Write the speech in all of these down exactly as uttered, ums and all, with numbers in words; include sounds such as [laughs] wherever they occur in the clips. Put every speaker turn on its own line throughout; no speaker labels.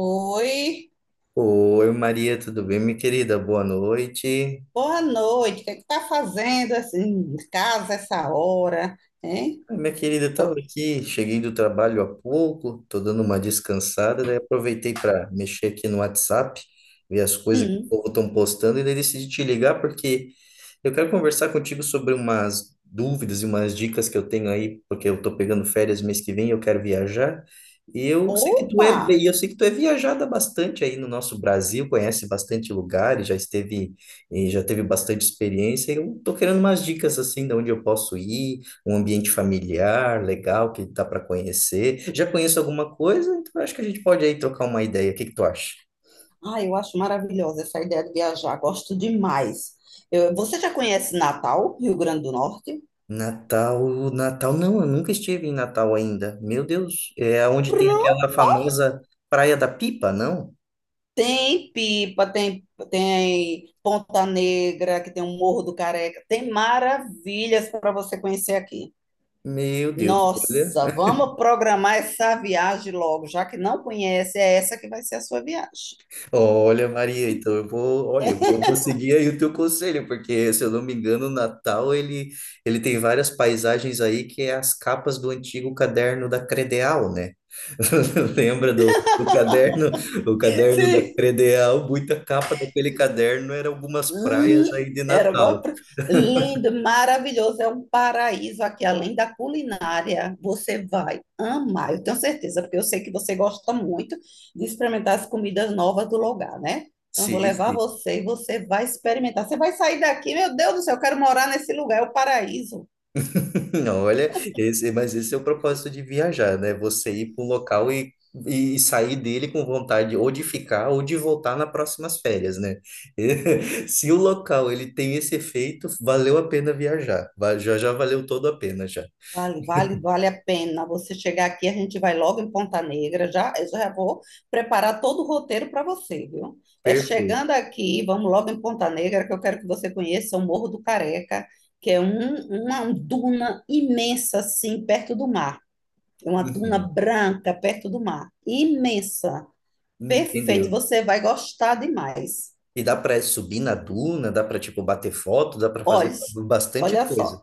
Oi,
Oi, Maria, tudo bem, minha querida? Boa noite.
boa noite. O que é que tá fazendo assim em casa essa hora, hein?
Ah, minha querida, estava
Pro-
aqui, cheguei do trabalho há pouco, estou dando uma descansada, daí aproveitei para mexer aqui no WhatsApp, ver as coisas que o
Hum.
povo estão postando, e daí decidi te ligar porque eu quero conversar contigo sobre umas dúvidas e umas dicas que eu tenho aí, porque eu estou pegando férias mês que vem, e eu quero viajar, e eu sei que tu é
Opa!
bem, eu sei que tu é viajada bastante aí no nosso Brasil, conhece bastante lugares, já esteve, e já teve bastante experiência, e eu estou querendo umas dicas assim, de onde eu posso ir, um ambiente familiar legal que dá para conhecer. Já conheço alguma coisa, então acho que a gente pode aí trocar uma ideia. O que que tu acha?
Ai, eu acho maravilhosa essa ideia de viajar. Gosto demais. Eu- você já conhece Natal, Rio Grande do Norte?
Natal, Natal, não, eu nunca estive em Natal ainda. Meu Deus, é onde tem aquela famosa Praia da Pipa, não?
Tem Pipa, tem, tem Ponta Negra, que tem o Morro do Careca. Tem maravilhas para você conhecer aqui.
Meu Deus, olha.
Nossa, vamos programar essa viagem logo, já que não conhece, é essa que vai ser a sua viagem.
Olha, Maria, então eu vou, olha, eu vou vou seguir aí o teu conselho, porque se eu não me engano, o Natal ele, ele tem várias paisagens aí que é as capas do antigo caderno da Credeal, né? [laughs] Lembra do, do caderno, o caderno da
Sim.
Credeal, muita capa daquele caderno era algumas
Hum,
praias aí de
era
Natal.
igual... pra- lindo, maravilhoso. É um paraíso aqui, além da culinária. Você vai amar, eu tenho certeza, porque eu sei que você gosta muito de experimentar as comidas novas do lugar, né? Então, eu vou
Sim,
levar
sim.
você e você vai experimentar. Você vai sair daqui, meu Deus do céu, eu quero morar nesse lugar, é o paraíso.
[laughs] Não, olha, esse, mas esse é o propósito de viajar, né? Você ir para um local e, e sair dele com vontade ou de ficar ou de voltar nas próximas férias, né? [laughs] Se o local ele tem esse efeito, valeu a pena viajar. Va- Já, já valeu todo a pena já.
Vale, vale, vale a pena. Você chegar aqui, a gente vai logo em Ponta Negra. Já, eu já vou preparar todo o roteiro para você, viu? É
Perfeito.
chegando aqui, vamos logo em Ponta Negra, que eu quero que você conheça o Morro do Careca, que é um- uma duna imensa, assim, perto do mar. É uma duna
Uhum.
branca perto do mar. Imensa. Perfeito,
Entendeu?
você vai gostar demais.
E dá para subir na duna, dá para tipo bater foto, dá para fazer
Olha,
bastante
olha
coisa.
só,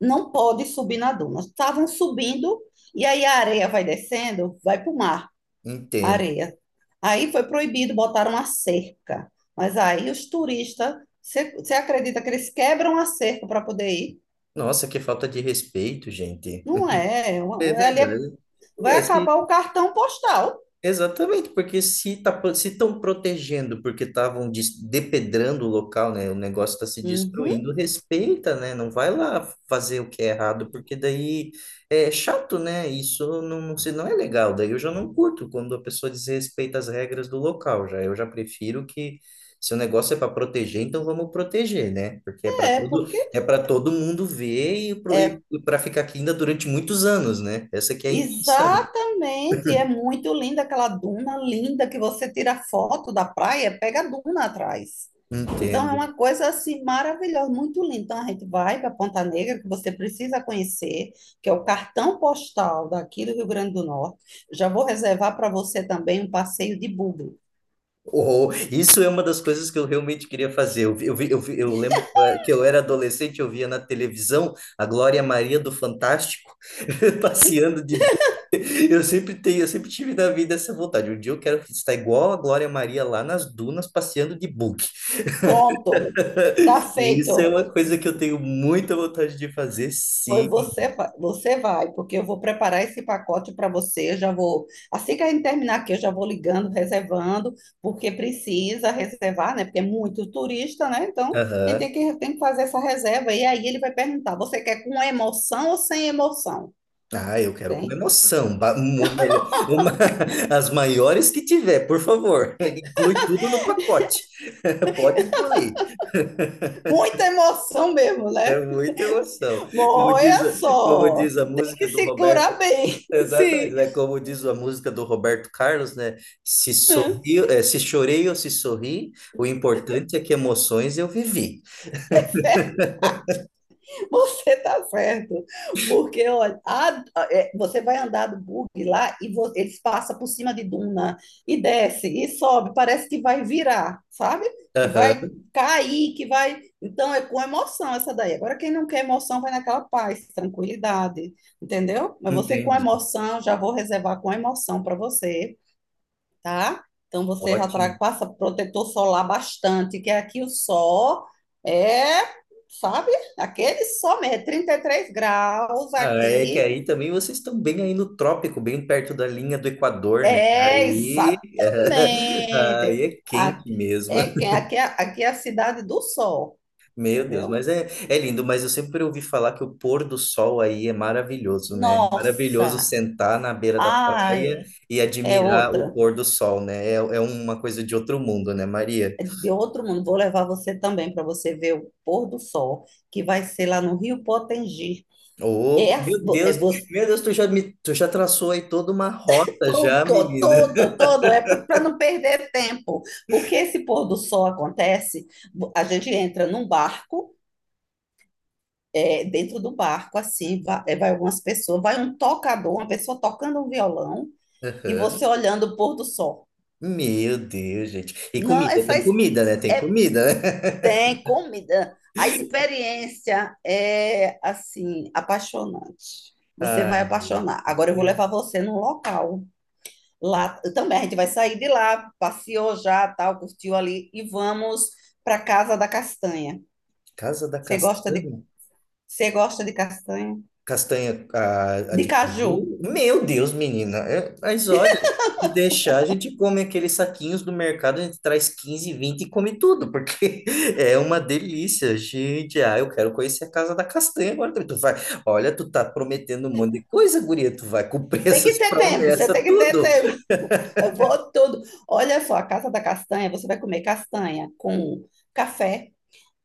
não pode subir na duna. Estavam subindo e aí a areia vai descendo, vai para o mar.
Entendo.
Areia. Aí foi proibido, botaram a cerca. Mas aí os turistas, você você acredita que eles quebram a cerca para poder ir?
Nossa, que falta de respeito, gente.
Não é, é
É
uma- é ali é-
verdade.
vai
É, se
acabar o cartão postal.
Exatamente, porque se tá, pro- se estão protegendo porque estavam des- depedrando o local, né? O negócio está se
Uhum,
destruindo, respeita, né? Não vai lá fazer o que é errado, porque daí é chato, né? Isso não, não, se- não é legal. Daí eu já não curto quando a pessoa desrespeita as regras do local. Já eu já prefiro que se o negócio é para proteger, então vamos proteger, né? Porque é para
é,
todo
porque
é para todo mundo ver e
é
para ficar aqui ainda durante muitos anos, né? Essa que é a intenção.
exatamente, é muito linda aquela duna linda que você tira foto da praia, pega a duna atrás. Então é
Entendo.
uma coisa assim maravilhosa, muito linda. Então a gente vai para Ponta Negra, que você precisa conhecer, que é o cartão postal daqui do Rio Grande do Norte. Já vou reservar para você também um passeio de buggy.
Oh, isso é uma das coisas que eu realmente queria fazer. Eu, vi- eu, vi- eu, vi- eu lembro eh, que eu era adolescente, eu via na televisão a Glória Maria do Fantástico [laughs] passeando de boa. Eu sempre tenho, eu sempre tive na vida essa vontade. Um dia eu quero estar igual a Glória Maria lá nas dunas passeando de bug.
Pronto, tá
[laughs] Isso é
feito.
uma coisa que eu tenho muita vontade de fazer,
Foi
sim.
você, vai- você vai, porque eu vou preparar esse pacote para você. Eu já vou, assim que a gente terminar aqui, eu já vou ligando, reservando, porque precisa reservar, né? Porque é muito turista, né? Então, a gente
Aham.
tem que, tem que fazer essa reserva. E aí ele vai perguntar: você quer com emoção ou sem emoção?
Ah, eu quero com
Tem
emoção, ba- um- um melhor- uma- [laughs] as maiores que tiver, por favor. [laughs] Inclui tudo no pacote. Pode incluir,
muita emoção mesmo, né?
é muita emoção. Como
Olha
diz, a- Como
só,
diz a
tem
música
que
do
segurar
Roberto,
bem. [laughs]
exatamente,
Sim.
né? Como diz a música do Roberto Carlos, né? Se sorri, eh, se chorei ou se sorri, o importante é que emoções eu vivi.
[laughs] [laughs] Você está certo. Porque, olha, a- é, você vai andar do bug lá e vo- eles passam por cima de duna e desce e sobe. Parece que vai virar, sabe? Que vai
Aham,
cair, que vai. Então é com emoção essa daí. Agora, quem não quer emoção vai naquela paz, tranquilidade, entendeu? Mas você com
entendi.
emoção, já vou reservar com emoção para você, tá? Então você já tra-
Ótimo.
passa protetor solar bastante, que aqui o sol é, sabe? Aquele sol mesmo, é trinta e três graus
Ah, é que
aqui.
aí também vocês estão bem aí no trópico, bem perto da linha do Equador, né?
É,
Aí, [laughs]
exatamente.
aí é
A-
quente mesmo.
é, que- aqui, é- Aqui é a cidade do sol,
Meu Deus,
entendeu?
mas é, é lindo, mas eu sempre ouvi falar que o pôr do sol aí é maravilhoso, né? É maravilhoso
Nossa!
sentar na beira da
Ai,
praia e
é
admirar o
outra.
pôr do sol, né? É, é uma coisa de outro mundo, né, Maria?
É de outro mundo. Vou levar você também para você ver o pôr do sol, que vai ser lá no Rio Potengi. É,
Opa,
a-
meu
vo- é,
Deus, meu Deus, tu já me, tu já traçou aí toda uma rota já,
Tudo,
menina.
tudo, tudo. É para não perder tempo. Porque esse pôr do sol acontece, a gente entra num barco, é, dentro do barco, assim, vai, é, vai algumas pessoas, vai um tocador, uma pessoa tocando um violão e você
Aham.
olhando o pôr do sol.
Meu Deus, gente. E
Não,
comida,
essa
tem
es-
comida, né? Tem
é,
comida, né?
Tem comida. A experiência é, assim, apaixonante.
[laughs]
Você vai
Ai, meu
apaixonar. Agora eu vou levar
Deus.
você num local. Lá também, a gente vai sair de lá, passeou já, tal, curtiu ali e vamos para Casa da Castanha.
Casa da
Você gosta de,
Castanha?
Você gosta de castanha?
Castanha, a, a
De
de
caju.
caju. Meu Deus, menina. É, mas olha, se deixar, a gente come aqueles saquinhos do mercado, a gente traz quinze, vinte e come tudo, porque [laughs] é uma delícia. Gente, ah, eu quero conhecer a casa da castanha agora. Também. Tu vai, olha, tu tá prometendo um monte de coisa, guria. Tu vai cumprir [laughs]
Tem que
essas
ter tempo, você
promessas,
tem que ter
tudo.
tempo. Eu vou tudo. Olha só, a Casa da Castanha, você vai comer castanha com café.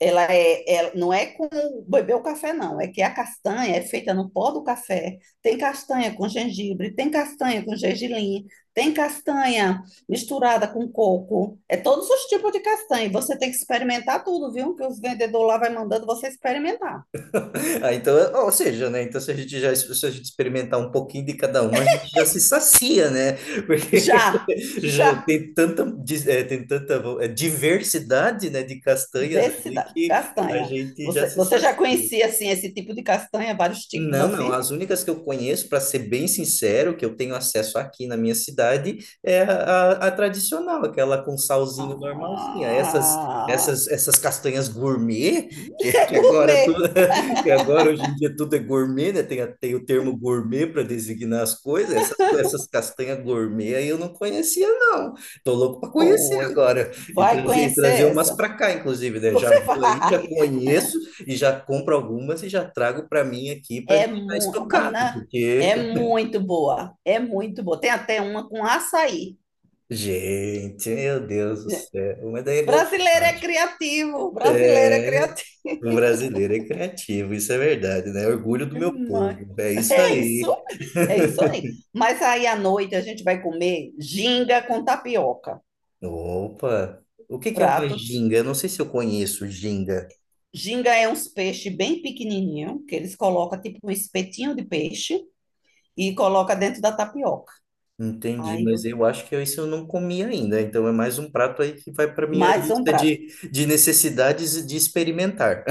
Ela é, ela- não é com beber o café, não. É que a castanha é feita no pó do café. Tem castanha com gengibre, tem castanha com gergelim, tem castanha misturada com coco. É todos os tipos de castanha. E você tem que experimentar tudo, viu? Que os vendedores lá vai mandando você experimentar.
[laughs] Ah, então, ou seja, né? Então, se a gente já se a gente experimentar um pouquinho de cada uma, a gente já se sacia, né? Porque
Já,
[laughs] já
já.
tem tanta, dis- eh, tem tanta vo- eh, diversidade, né, de castanhas
Vê se
ali
dá.
que a
Castanha.
gente já
Você,
se
você já
sacia.
conhecia, assim, esse tipo de castanha? Vários tipos,
Não, não.
assim?
As únicas que eu conheço, para ser bem sincero, que eu tenho acesso aqui na minha cidade, é a, a- a tradicional, aquela com salzinho normalzinha. Essas,
Ah,
essas, essas castanhas gourmet, que,
[laughs] é
que agora tudo,
gourmet.
[laughs] que agora hoje em dia tudo é gourmet, né? Tem, a- tem o termo gourmet para designar as coisas. Essas, essas castanhas gourmet aí eu não conhecia, não. Tô louco para conhecer
Pois,
agora e
vai
trazer, e trazer
conhecer
umas
essa.
para cá, inclusive,
[laughs]
né? Já
Você
vou aí
vai.
já conheço e já compro algumas e já trago para mim aqui para
É
deixar
muito,
estocado,
Ana,
porque,
é muito boa. É muito boa. Tem até uma com açaí.
gente, meu Deus do céu, mas daí é
Brasileiro é
golpagem.
criativo, brasileiro é criativo.
O brasileiro é criativo, isso é verdade, né? É orgulho do meu
Mas
povo, é isso
É isso,
aí.
é isso aí. Mas aí à noite a gente vai comer ginga com tapioca.
Opa, o que que é uma
Prato.
ginga? Eu não sei se eu conheço ginga,
Ginga é uns peixes bem pequenininho, que eles colocam tipo um espetinho de peixe e coloca dentro da tapioca.
entendi,
Aí,
mas
você-
eu acho que isso eu não comi ainda, então é mais um prato aí que vai para minha
Mais um
lista
prato.
de, de necessidades de experimentar.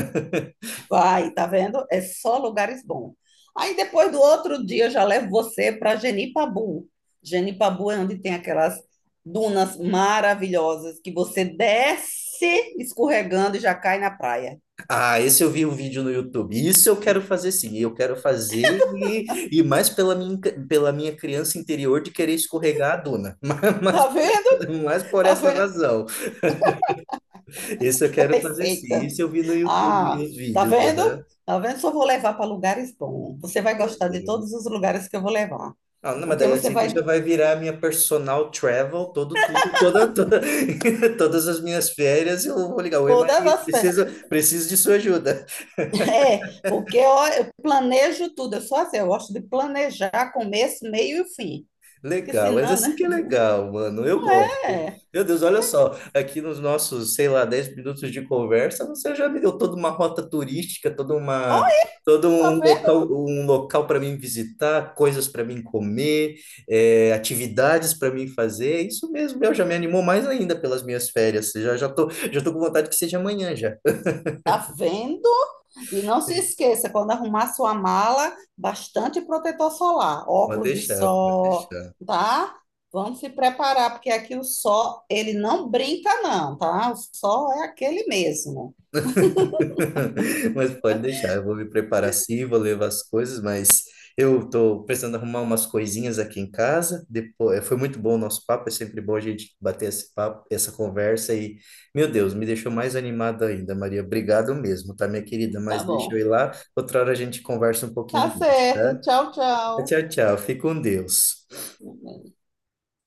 Vai, tá vendo? É só lugares bons. Aí depois do outro dia eu já levo você para Genipabu. Genipabu é onde tem aquelas dunas maravilhosas que você desce escorregando e já cai na praia.
Ah, esse eu vi um vídeo no YouTube. Isso eu quero fazer sim. Eu quero fazer e, e mais pela minha, pela minha criança interior de querer escorregar a duna. [laughs] Mas,
Tá vendo?
mas, mas por
Tá
essa
vendo?
razão. Isso eu
É
quero fazer sim.
perfeita.
Isso eu vi no YouTube,
Ah,
os
tá
vídeos.
vendo?
Aham.
Tá vendo? Só vou levar para lugares bons. Você vai gostar de todos os lugares que eu vou levar.
Ah, não, mas
Porque
daí
você
assim tu já
vai
vai virar a minha personal travel todo, tudo, toda, toda- [laughs] todas as minhas férias. Eu vou ligar, oi
todas
Maria,
as
preciso,
férias
preciso de sua ajuda.
[laughs] é, porque ó, eu planejo tudo. Eu sou assim, eu gosto de planejar começo, meio e fim. Porque
Legal, mas
senão,
assim
né?
que é legal, mano.
[laughs]
Eu
Não
gosto.
é.
Meu Deus, olha só, aqui nos nossos, sei lá, dez minutos de conversa, você já me deu toda uma rota turística, toda uma,
Olha,
todo
tá
um local,
vendo?
um local para mim visitar, coisas para mim comer, eh, atividades para mim fazer. É isso mesmo, meu, já me animou mais ainda pelas minhas férias. Já já tô, já tô com vontade que seja amanhã já.
Tá vendo? E não se
[laughs]
esqueça, quando arrumar sua mala, bastante protetor solar,
Pode
óculos de
deixar, pode
sol,
deixar.
tá? Vamos se preparar, porque aqui o sol, ele não brinca, não, tá? O sol é aquele mesmo.
[laughs] Mas pode deixar, eu vou me preparar sim, vou levar as coisas, mas eu tô precisando arrumar umas coisinhas aqui em casa. Depois, foi muito bom o nosso papo, é sempre bom a gente bater esse papo, essa conversa e, meu Deus, me deixou mais animado ainda, Maria. Obrigado mesmo, tá, minha querida?
Tá
Mas deixa eu
bom.
ir lá, outra hora a gente conversa um pouquinho
Tá
mais,
certo.
tá?
Tchau, tchau.
Tchau, tchau. Fique com Deus.